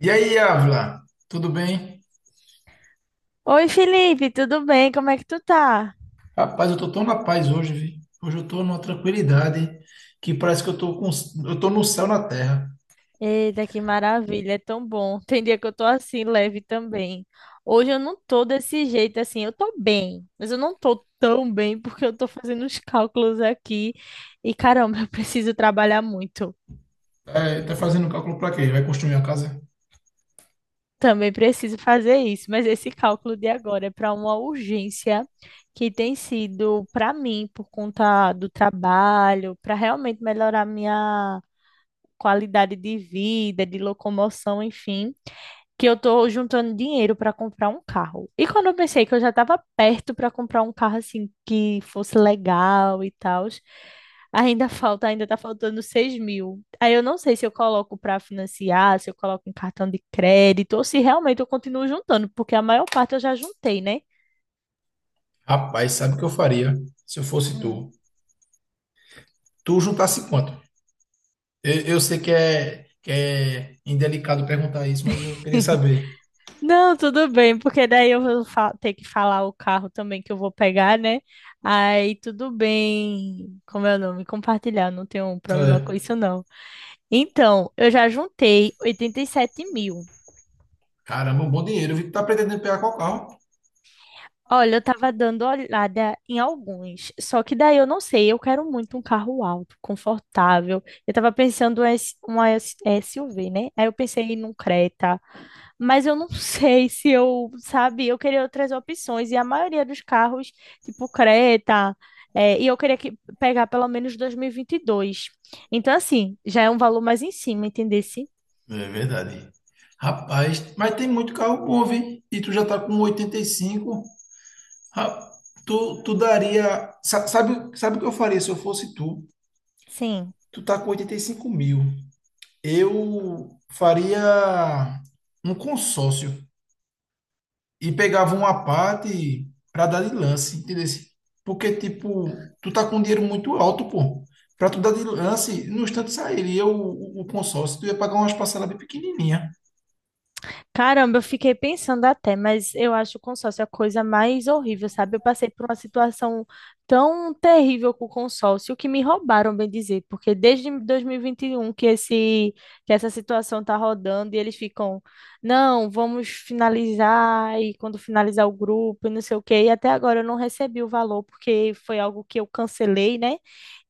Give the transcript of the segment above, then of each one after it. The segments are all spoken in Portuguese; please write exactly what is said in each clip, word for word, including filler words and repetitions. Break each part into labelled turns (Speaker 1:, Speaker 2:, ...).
Speaker 1: E aí, Ávila, tudo bem?
Speaker 2: Oi, Felipe, tudo bem? Como é que tu tá?
Speaker 1: Rapaz, eu tô tão na paz hoje, vi. Hoje eu tô numa tranquilidade que parece que eu tô com, eu tô no céu na terra.
Speaker 2: Eita, que maravilha, é tão bom. Tem dia que eu tô assim, leve também. Hoje eu não tô desse jeito assim, eu tô bem, mas eu não tô tão bem porque eu tô fazendo os cálculos aqui e caramba, eu preciso trabalhar muito.
Speaker 1: É, tá fazendo cálculo pra quê? Vai construir uma casa?
Speaker 2: Também preciso fazer isso, mas esse cálculo de agora é para uma urgência que tem sido para mim por conta do trabalho, para realmente melhorar minha qualidade de vida, de locomoção, enfim, que eu tô juntando dinheiro para comprar um carro. E quando eu pensei que eu já estava perto para comprar um carro assim que fosse legal e tal, ainda falta, ainda tá faltando seis mil. Aí eu não sei se eu coloco para financiar, se eu coloco em cartão de crédito ou se realmente eu continuo juntando, porque a maior parte eu já juntei, né?
Speaker 1: Rapaz, sabe o que eu faria se eu fosse tu? Tu juntasse quanto? Eu, eu sei que é, que é indelicado perguntar isso, mas eu queria saber.
Speaker 2: Não, tudo bem, porque daí eu vou fa- ter que falar o carro também que eu vou pegar, né? Aí tudo bem, como é o nome? Compartilhar, não tenho problema com
Speaker 1: É.
Speaker 2: isso, não. Então, eu já juntei oitenta e sete mil.
Speaker 1: Caramba, um bom dinheiro, vi. Tu tá pretendendo pegar qual carro?
Speaker 2: Olha, eu tava dando olhada em alguns, só que daí eu não sei, eu quero muito um carro alto, confortável. Eu tava pensando em uma S- SUV, né? Aí eu pensei num Creta, mas eu não sei se eu, sabe, eu queria outras opções. E a maioria dos carros, tipo Creta, eh, e eu queria que, pegar pelo menos dois mil e vinte e dois. Então, assim, já é um valor mais em cima, entendesse?
Speaker 1: É verdade. Rapaz, mas tem muito carro bom, vi. E tu já tá com oitenta e cinco? Ra- Tu, tu daria. sa- Sabe, o- sabe o que eu faria se eu fosse tu?
Speaker 2: Sim.
Speaker 1: Tu tá com oitenta e cinco mil. Eu faria um consórcio e pegava uma parte pra dar de lance, entendeu? Porque, tipo, tu tá com um dinheiro muito alto, pô. Pra tu dar de lance, no instante sairia o, o o consórcio, tu ia pagar umas parcelas bem pequenininha.
Speaker 2: Caramba, eu fiquei pensando até, mas eu acho o consórcio a coisa mais horrível, sabe? Eu passei por uma situação tão terrível com o consórcio que me roubaram, bem dizer, porque desde dois mil e vinte e um que esse que essa situação tá rodando e eles ficam, não, vamos finalizar e quando finalizar o grupo e não sei o quê, e até agora eu não recebi o valor porque foi algo que eu cancelei, né?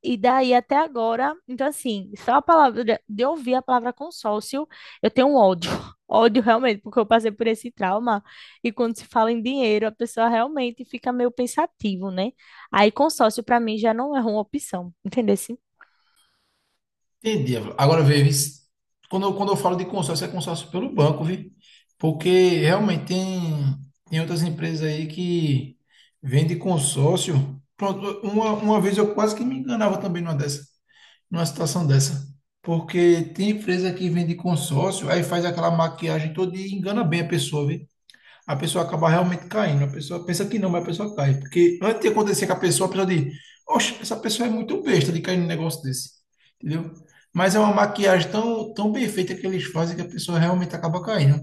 Speaker 2: E daí até agora, então assim, só a palavra de ouvir a palavra consórcio, eu tenho um ódio. Ódio realmente, porque eu passei por esse trauma. E quando se fala em dinheiro, a pessoa realmente fica meio pensativo, né? Aí consórcio para mim já não é uma opção, entendeu?
Speaker 1: Entendi. Agora, vê, vis- quando eu, quando eu falo de consórcio, é consórcio pelo banco, viu? Porque realmente tem, tem outras empresas aí que vendem consórcio. Pronto, uma, uma vez eu quase que me enganava também numa dessa, numa situação dessa. Porque tem empresa que vende consórcio, aí faz aquela maquiagem toda e engana bem a pessoa, viu? A pessoa acaba realmente caindo. A pessoa pensa que não, mas a pessoa cai. Porque antes de acontecer com a pessoa, a pessoa diz, oxe, essa pessoa é muito besta de cair num negócio desse. Entendeu? Mas é uma maquiagem tão, tão bem feita que eles fazem que a pessoa realmente acaba caindo.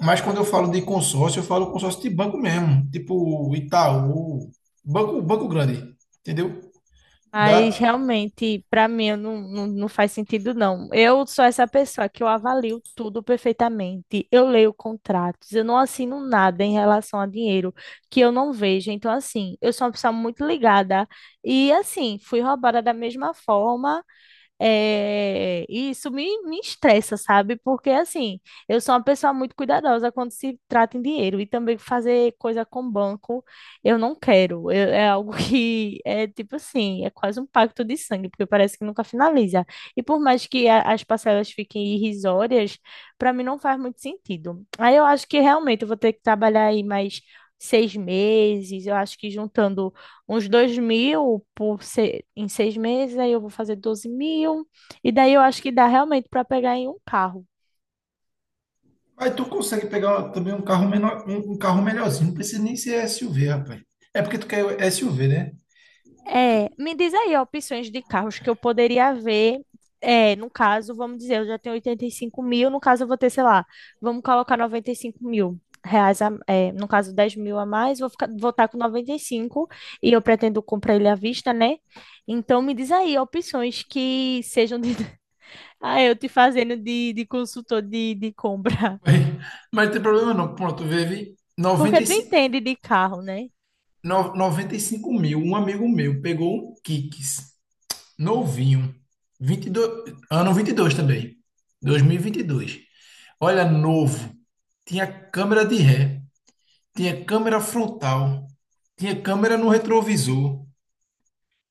Speaker 1: Mas quando eu falo de consórcio, eu falo consórcio de banco mesmo, tipo Itaú, banco, banco grande, entendeu?
Speaker 2: Mas
Speaker 1: Dá.
Speaker 2: realmente, para mim, eu não, não, não faz sentido, não. Eu sou essa pessoa que eu avalio tudo perfeitamente. Eu leio contratos, eu não assino nada em relação a dinheiro que eu não vejo. Então, assim, eu sou uma pessoa muito ligada. E, assim, fui roubada da mesma forma. É, e isso me, me estressa, sabe? Porque, assim, eu sou uma pessoa muito cuidadosa quando se trata em dinheiro. E também fazer coisa com banco, eu não quero. Eu- é algo que é tipo assim, é quase um pacto de sangue, porque parece que nunca finaliza. E por mais que a- as parcelas fiquem irrisórias, para mim não faz muito sentido. Aí eu acho que realmente eu vou ter que trabalhar aí mais seis meses. Eu acho que juntando uns dois mil por se- em seis meses, aí eu vou fazer doze mil. E daí eu acho que dá realmente para pegar em um carro.
Speaker 1: Aí tu consegue pegar também um carro menor, um, um carro melhorzinho, não precisa nem ser S U V, rapaz. É porque tu quer S U V, né?
Speaker 2: É, me diz aí opções de carros que eu poderia ver. É, no caso, vamos dizer, eu já tenho oitenta e cinco mil, no caso eu vou ter, sei lá, vamos colocar noventa e cinco mil reais, a- é, no caso dez mil a mais, vou ficar, vou estar com noventa e cinco e eu pretendo comprar ele à vista, né? Então me diz aí opções que sejam de... Ah, eu te fazendo de, de consultor de, de compra.
Speaker 1: Mas, mas tem problema não. Pronto, teve
Speaker 2: Porque tu
Speaker 1: noventa e cinco,
Speaker 2: entende de carro, né?
Speaker 1: no- noventa e cinco mil. Um amigo meu pegou um Kicks, novinho, vinte e dois ano vinte e dois também, dois mil e e vinte e dois. Olha, novo. Tinha câmera de ré, tinha câmera frontal, tinha câmera no retrovisor.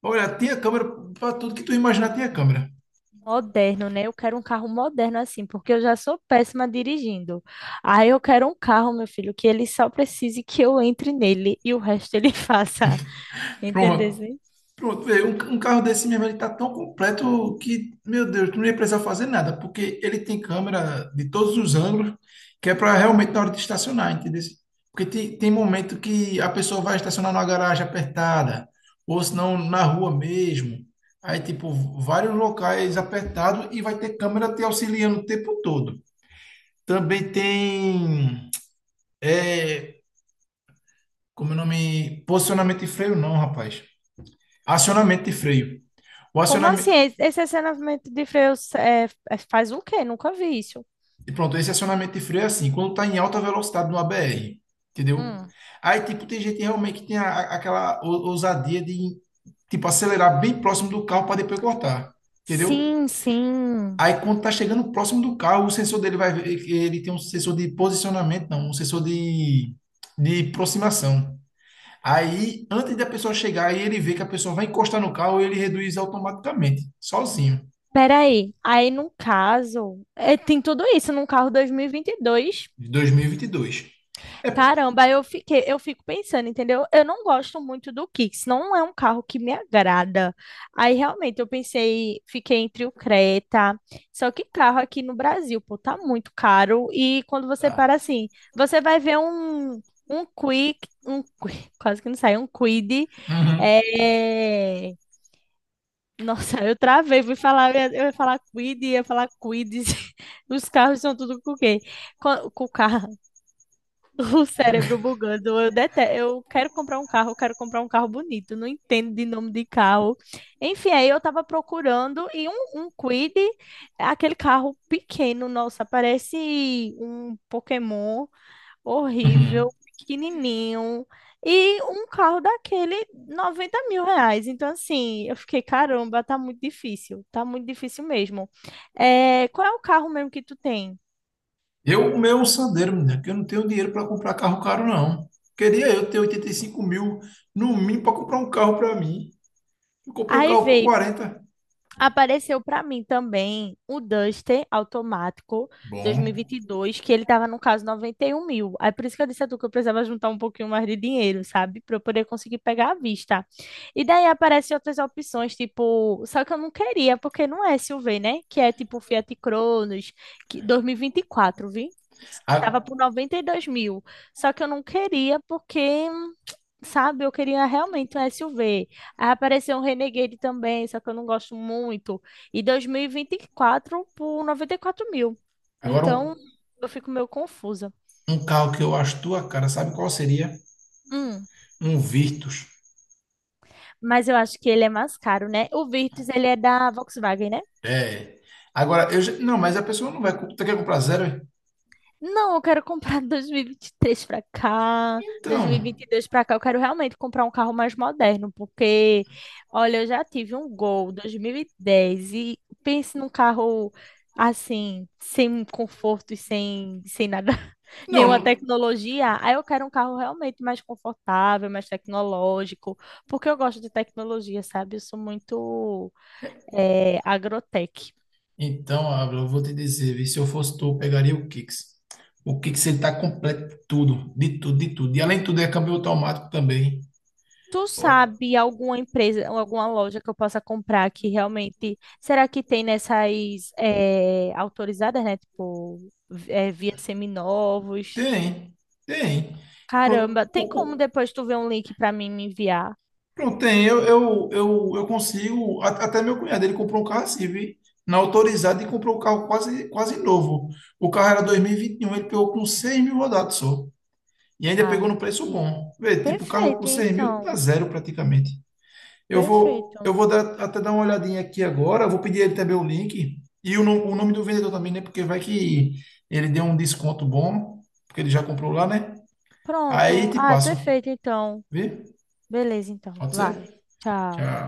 Speaker 1: Olha, tinha câmera para tudo que tu imaginar, tinha câmera.
Speaker 2: Moderno, né? Eu quero um carro moderno assim, porque eu já sou péssima dirigindo. Aí eu quero um carro, meu filho, que ele só precise que eu entre nele e o resto ele faça. Entendeu?
Speaker 1: Pronto.
Speaker 2: Assim?
Speaker 1: Pronto, vê, um, um carro desse mesmo, ele tá tão completo que, meu Deus, tu não ia precisar fazer nada, porque ele tem câmera de todos os ângulos, que é para realmente na hora de estacionar, entendeu? Porque tem, tem momento que a pessoa vai estacionar numa garagem apertada, ou se não na rua mesmo. Aí, tipo, vários locais apertados e vai ter câmera te auxiliando o tempo todo. Também tem, é, como é o nome? Posicionamento de freio, não, rapaz. Acionamento de freio. O
Speaker 2: Como assim?
Speaker 1: acionamento,
Speaker 2: Esse esse acionamento de freios é, é- faz o quê? Nunca vi isso.
Speaker 1: e pronto, esse acionamento de freio é assim, quando tá em alta velocidade no A B R, entendeu?
Speaker 2: Hum.
Speaker 1: Aí, tipo, tem gente realmente que tem a- a- aquela ou- ousadia de, tipo, acelerar bem próximo do carro para depois cortar, entendeu?
Speaker 2: Sim, sim.
Speaker 1: Aí, quando tá chegando próximo do carro, o sensor dele vai ver que ele tem um sensor de posicionamento, não, um sensor de, de aproximação. Aí, antes da pessoa chegar, aí ele vê que a pessoa vai encostar no carro e ele reduz automaticamente, sozinho,
Speaker 2: Peraí. Aí, no caso, é, tem tudo isso num carro dois mil e vinte e dois.
Speaker 1: de dois mil e vinte e dois.
Speaker 2: Caramba, eu fiquei, eu fico pensando, entendeu? Eu não gosto muito do Kicks, não é um carro que me agrada. Aí realmente eu pensei, fiquei entre o Creta. Só que carro aqui no Brasil, pô, tá muito caro e quando você
Speaker 1: Tá.
Speaker 2: para assim, você vai ver um um Quick, um Qui- quase que não sai, um Quid.
Speaker 1: Uhum.
Speaker 2: É... Nossa, eu travei, fui falar, eu ia eu ia falar Quid, ia falar Quids. Os carros são tudo com o quê? Com, com o carro. O cérebro bugando. Eu detesto. Eu quero comprar um carro, eu quero comprar um carro bonito. Não entendo de nome de carro. Enfim, aí eu tava procurando e um, um Kwid, aquele carro pequeno, nossa, parece um Pokémon horrível, pequenininho. E um carro daquele, noventa mil reais. Então, assim, eu fiquei, caramba, tá muito difícil. Tá muito difícil mesmo. É, qual é o carro mesmo que tu tem?
Speaker 1: Eu, o meu é um Sandero, menina, que eu não tenho dinheiro para comprar carro caro, não. Queria eu ter oitenta e cinco mil no mínimo para comprar um carro para mim. Eu comprei o
Speaker 2: Aí
Speaker 1: carro por
Speaker 2: veio.
Speaker 1: quarenta.
Speaker 2: Apareceu para mim também o Duster automático
Speaker 1: Bom.
Speaker 2: dois mil e vinte e dois, que ele tava no caso noventa e um mil. Aí por isso que eu disse a tu que eu precisava juntar um pouquinho mais de dinheiro, sabe? Para eu poder conseguir pegar à vista. E daí aparecem outras opções, tipo, só que eu não queria, porque não é S U V, né? Que é tipo Fiat Cronos, que dois mil e vinte e quatro, vi? Tava
Speaker 1: A-
Speaker 2: por noventa e dois mil. Só que eu não queria porque sabe, eu queria realmente um S U V. Aí apareceu um Renegade também, só que eu não gosto muito. E dois mil e vinte e quatro por noventa e quatro mil.
Speaker 1: Agora,
Speaker 2: Então,
Speaker 1: um,
Speaker 2: eu fico meio confusa.
Speaker 1: um carro que eu acho tua cara, sabe qual seria?
Speaker 2: Hum,
Speaker 1: Um Virtus.
Speaker 2: mas eu acho que ele é mais caro, né? O Virtus, ele é da Volkswagen, né?
Speaker 1: É. Agora, eu já- não, mas a pessoa não vai. co- Tu quer comprar zero? É?
Speaker 2: Não, eu quero comprar dois mil e vinte e três para cá,
Speaker 1: Então.
Speaker 2: dois mil e vinte e dois para cá. Eu quero realmente comprar um carro mais moderno, porque, olha, eu já tive um Gol dois mil e dez e dez e pense num carro assim, sem conforto e sem, sem nada,
Speaker 1: Não.
Speaker 2: nenhuma
Speaker 1: não-
Speaker 2: tecnologia. Aí eu quero um carro realmente mais confortável, mais tecnológico, porque eu gosto de tecnologia, sabe? Eu sou muito eh, agrotech.
Speaker 1: Então, Ávila, eu vou te dizer, vi, se eu fosse tu, eu pegaria o Kicks. O Kicks, ele tá completo, tudo, de tudo, de tudo. E além de tudo, é câmbio automático também.
Speaker 2: Tu sabe alguma empresa, ou alguma loja que eu possa comprar que realmente. Será que tem nessas eh, autorizadas, né? Tipo, vi- eh, via seminovos?
Speaker 1: Tem, tem. Pronto,
Speaker 2: Caramba, tem como
Speaker 1: o- o-
Speaker 2: depois tu ver um link pra mim me enviar?
Speaker 1: pronto, tem. Eu, eu, eu, eu consigo. a- Até meu cunhado, ele comprou um carro assim, viu? Na autorizada, ele comprou um carro quase, quase novo. O carro era dois mil e vinte e um, ele pegou com seis mil rodados só. E ainda
Speaker 2: Ah,
Speaker 1: pegou no preço
Speaker 2: entendi.
Speaker 1: bom. Vê, tipo, o carro com
Speaker 2: Perfeito,
Speaker 1: seis mil tá
Speaker 2: então.
Speaker 1: zero praticamente. Eu vou,
Speaker 2: Perfeito.
Speaker 1: eu vou dar, até dar uma olhadinha aqui agora. Vou pedir ele também o link. E o, no- o nome do vendedor também, né? Porque vai que ele deu um desconto bom, porque ele já comprou lá, né? Aí
Speaker 2: Pronto.
Speaker 1: te
Speaker 2: Ah,
Speaker 1: passo,
Speaker 2: perfeito, então.
Speaker 1: viu?
Speaker 2: Beleza, então.
Speaker 1: Pode ser?
Speaker 2: Vai.
Speaker 1: Que
Speaker 2: Tchau.